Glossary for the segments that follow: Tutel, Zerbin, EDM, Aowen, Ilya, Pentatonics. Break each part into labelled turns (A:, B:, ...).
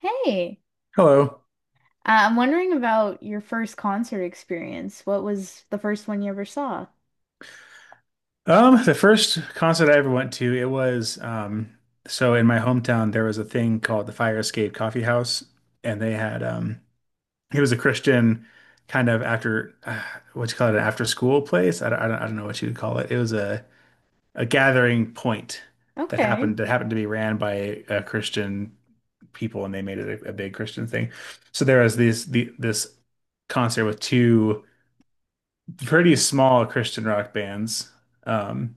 A: Hey,
B: Hello.
A: I'm wondering about your first concert experience. What was the first one you ever saw?
B: The first concert I ever went to, it was so in my hometown there was a thing called the Fire Escape Coffee House, and they had it was a Christian kind of after what you call it, an after school place. I don't know what you'd call it. It was a gathering point that
A: Okay,
B: happened that happened to be ran by Christian people, and they made it a big Christian thing. So there was these the this concert with two pretty small Christian rock bands. Um,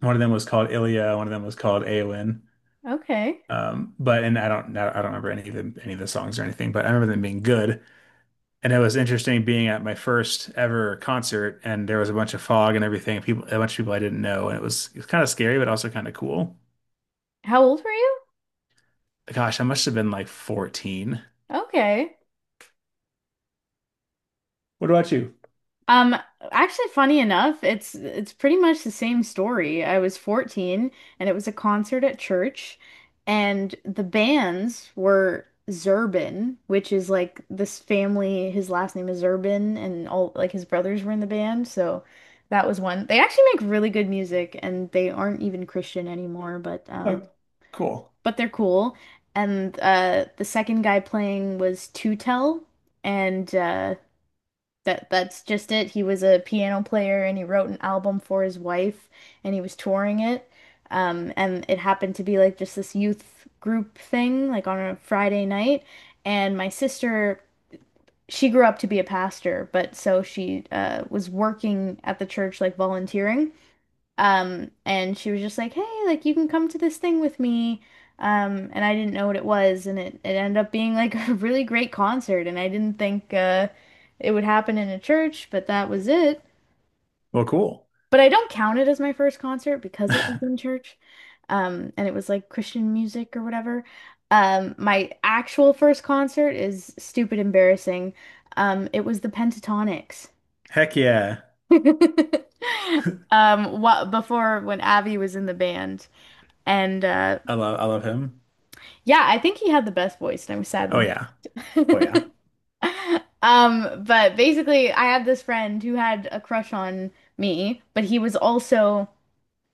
B: One of them was called Ilya. One of them was called Aowen.
A: okay.
B: But and I don't remember any of them, any of the songs or anything, but I remember them being good. And it was interesting being at my first ever concert, and there was a bunch of fog and everything. People, a bunch of people I didn't know, and it was kind of scary, but also kind of cool.
A: How old were you?
B: Gosh, I must have been like 14.
A: Okay.
B: What about you?
A: Um, Actually, funny enough, it's pretty much the same story. I was 14 and it was a concert at church, and the bands were Zerbin, which is like this family. His last name is Zerbin and all like his brothers were in the band, so that was one. They actually make really good music and they aren't even Christian anymore,
B: Oh, cool.
A: but they're cool. And the second guy playing was Tutel, and that's just it. He was a piano player and he wrote an album for his wife, and he was touring it. And it happened to be like just this youth group thing, like on a Friday night. And my sister, she grew up to be a pastor, but so she was working at the church, like volunteering. And she was just like, "Hey, like you can come to this thing with me." And I didn't know what it was, and it ended up being like a really great concert, and I didn't think it would happen in a church, but that was it.
B: Well, cool.
A: But I don't count it as my first concert because it was in church. And it was like Christian music or whatever. My actual first concert is stupid embarrassing. It was the Pentatonics.
B: Heck yeah,
A: What before when Abby was in the band. And
B: I love him.
A: yeah, I think he had the best voice, and I was sad
B: Oh
A: when.
B: yeah, oh yeah.
A: But basically, I had this friend who had a crush on me, but he was also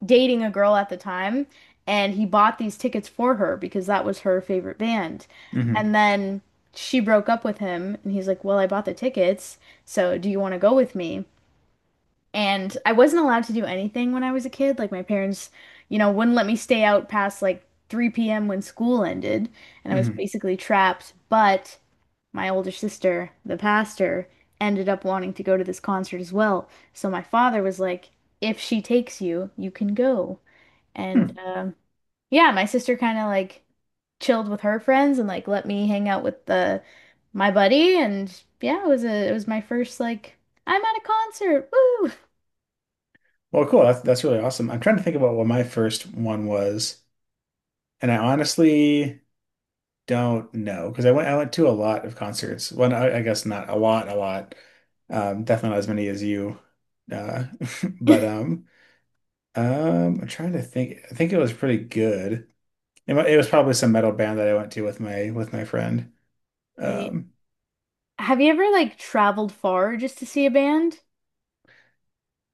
A: dating a girl at the time, and he bought these tickets for her because that was her favorite band.
B: Hmm.
A: And then she broke up with him, and he's like, "Well, I bought the tickets, so do you want to go with me?" And I wasn't allowed to do anything when I was a kid. Like my parents, wouldn't let me stay out past like 3 p.m. when school ended, and I was
B: Hmm.
A: basically trapped. But my older sister, the pastor, ended up wanting to go to this concert as well. So my father was like, if she takes you, you can go. And
B: Hmm.
A: yeah, my sister kind of like chilled with her friends and like let me hang out with the my buddy. And yeah, it was my first like I'm at a concert,
B: Well, cool. That's really awesome. I'm trying to think about what my first one was. And I honestly don't know because I went to a lot of concerts. Well, no, I guess not a lot, a lot. Definitely not as many as you. Uh,
A: woo.
B: but I'm trying to think. I think it was pretty good. It was probably some metal band that I went to with my friend.
A: Right?
B: Um,
A: Have you ever like traveled far just to see a band?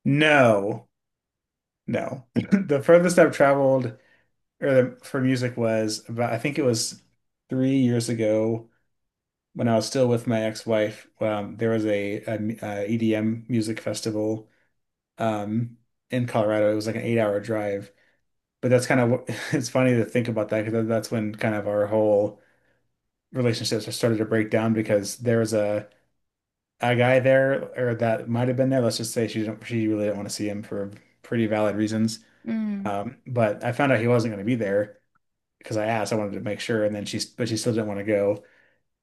B: no, no. The furthest I've traveled or for music was about I think it was 3 years ago, when I was still with my ex-wife. There was a E D m- EDM music festival um, in Colorado. It was like an 8-hour drive, but that's kind of what. It's funny to think about that because that's when kind of our whole relationships started to break down because there was a guy there, or that might have been there. Let's just say she really didn't want to see him for pretty valid reasons.
A: Mm.
B: But I found out he wasn't going to be there because I asked. I wanted to make sure, and then she but she still didn't want to go.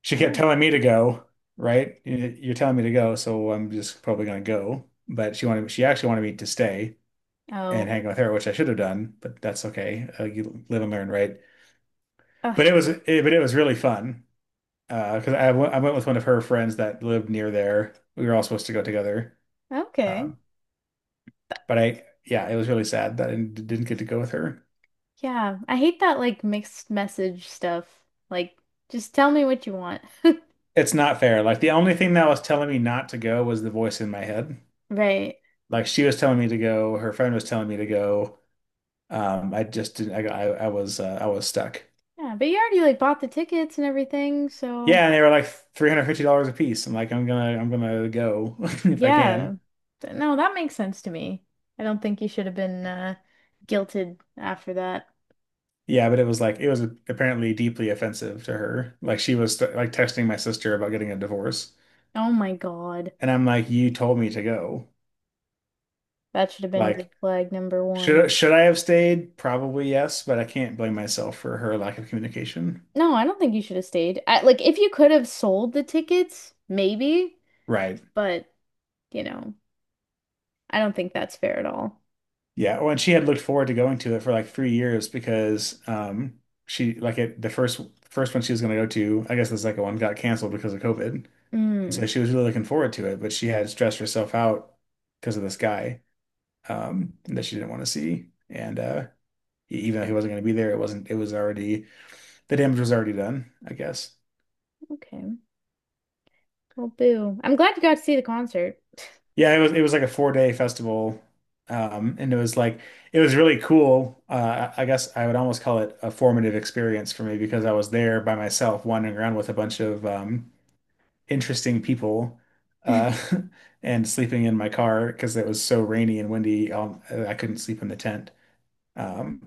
B: She kept
A: Oh.
B: telling me to go, right? You're telling me to go, so I'm just probably gonna go. But she actually wanted me to stay
A: Oh.
B: and hang with her, which I should have done, but that's okay. You live and learn, right? But
A: Ugh.
B: it was really fun, because I went with one of her friends that lived near there. We were all supposed to go together,
A: Okay.
B: um, yeah, it was really sad that I didn't get to go with her.
A: Yeah. I hate that like mixed message stuff. Like, just tell me what you want.
B: It's not fair. Like the only thing that was telling me not to go was the voice in my head.
A: Right.
B: Like she was telling me to go, her friend was telling me to go. I just didn't. I was. I was stuck.
A: Yeah, but you already like bought the tickets and everything, so
B: Yeah, and they were like $350 a piece. I'm like, I'm gonna go if I
A: yeah.
B: can.
A: Th- No, that makes sense to me. I don't think you should have been guilted after that.
B: Yeah, but it was like it was apparently deeply offensive to her. Like she was like texting my sister about getting a divorce,
A: Oh my God.
B: and I'm like, you told me to go.
A: That should have been red
B: Like,
A: flag number one.
B: should I have stayed? Probably yes, but I can't blame myself for her lack of communication.
A: No, I don't think you should have stayed. I, like, if you could have sold the tickets, maybe,
B: Right.
A: but you know, I don't think that's fair at all.
B: Yeah, well, and she had looked forward to going to it for like 3 years because she like it the first one she was going to go to, I guess. The second one got canceled because of COVID. And so
A: Mm,
B: she was really looking forward to it, but she had stressed herself out because of this guy that she didn't want to see. And even though he wasn't going to be there, it wasn't it was already the damage was already done, I guess.
A: okay. Well, boo. I'm glad you got to see the concert.
B: Yeah, it was like a 4 day festival. And it was really cool. I guess I would almost call it a formative experience for me because I was there by myself wandering around with a bunch of interesting people, uh, and sleeping in my car because it was so rainy and windy. I couldn't sleep in the tent.
A: Mhm.
B: Um,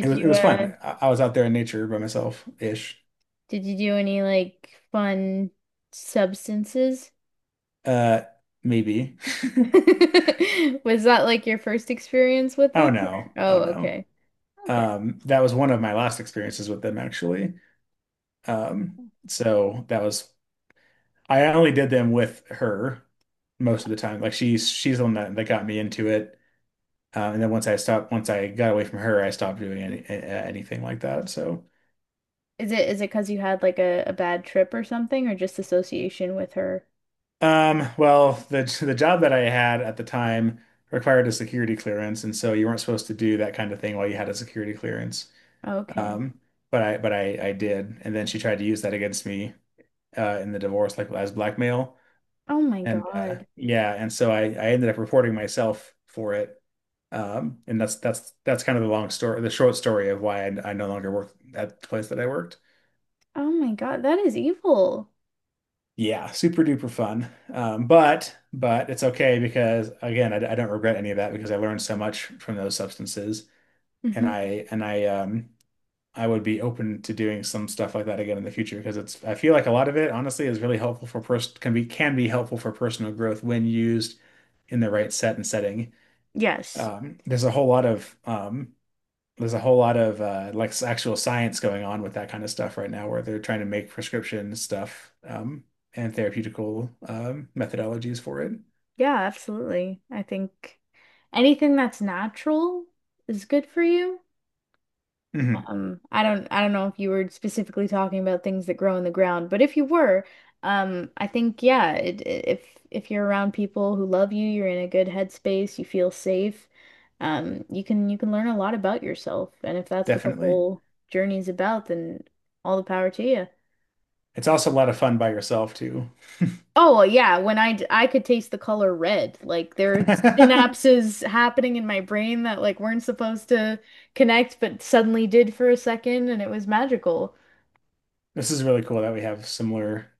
B: it was it
A: you
B: was
A: uh
B: fun. I was out there in nature by myself ish.
A: did you do any like fun substances?
B: Uh, Maybe.
A: Was that like your first experience with them?
B: Oh
A: Or-
B: no. Oh
A: Oh,
B: no.
A: okay. Okay.
B: That was one of my last experiences with them actually. Um,
A: Um,
B: so that was, I only did them with her most of the time. Like she's the one that got me into it. And then once I stopped, once I got away from her, I stopped doing anything like that. So,
A: Is it 'cause you had like a bad trip or something or just association with her?
B: well, the job that I had at the time required a security clearance, and so you weren't supposed to do that kind of thing while you had a security clearance.
A: Okay.
B: Um, but I did, and then she tried to use that against me, in the divorce, like as blackmail.
A: Oh my
B: And
A: God.
B: yeah, and so I ended up reporting myself for it. And That's kind of the long story, the short story of why I no longer work at the place that I worked.
A: Oh my God, that is evil.
B: Yeah, super duper fun. But it's okay because again, I don't regret any of that because I learned so much from those substances, and
A: Hmm.
B: I would be open to doing some stuff like that again in the future because it's I feel like a lot of it honestly is really helpful for person can be, can be helpful for personal growth when used in the right set and setting.
A: Yes.
B: um, there's a whole lot of um, there's a whole lot of actual science going on with that kind of stuff right now, where they're trying to make prescription stuff and therapeutical methodologies for it.
A: Yeah, absolutely. I think anything that's natural is good for you.
B: Mhm,
A: I don't know if you were specifically talking about things that grow in the ground, but if you were, I think yeah, if you're around people who love you, you're in a good headspace, you feel safe, you can learn a lot about yourself. And if that's what the
B: definitely,
A: whole journey is about, then all the power to you.
B: it's also a lot of fun by yourself too.
A: Oh, well, yeah, when I could taste the color red. Like there are synapses happening in my brain that like weren't supposed to connect but suddenly did for a second, and it was magical.
B: This is really cool that we have similar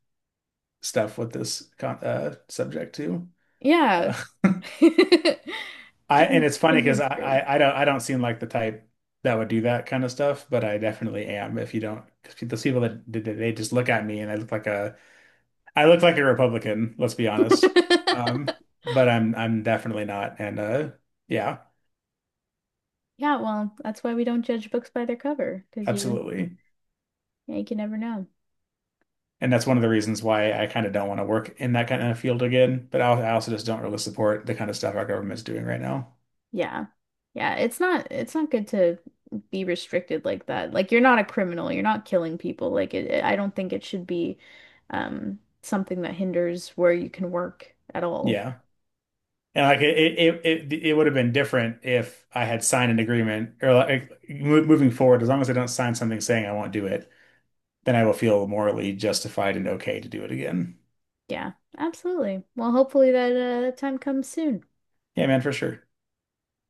B: stuff with this con subject too.
A: Yeah.
B: Uh, I, and it's funny because
A: Kindred
B: I,
A: spirits.
B: I I don't I don't seem like the type that would do that kind of stuff, but I definitely am. If you don't, because those people that did, they just look at me and I look like a I look like a Republican. Let's be honest. Um, but I'm definitely not, and yeah,
A: Yeah, well, that's why we don't judge books by their cover, because you
B: absolutely.
A: yeah, you can never know.
B: And that's one of the reasons why I kind of don't want to work in that kind of field again. But I also just don't really support the kind of stuff our government's doing right now.
A: Yeah. Yeah, it's not good to be restricted like that. Like you're not a criminal, you're not killing people. I don't think it should be something that hinders where you can work at all.
B: Yeah. And like it would have been different if I had signed an agreement, or like moving forward, as long as I don't sign something saying I won't do it, then I will feel morally justified and okay to do it again.
A: Yeah, absolutely. Well, hopefully that that time comes soon.
B: Yeah, man, for sure.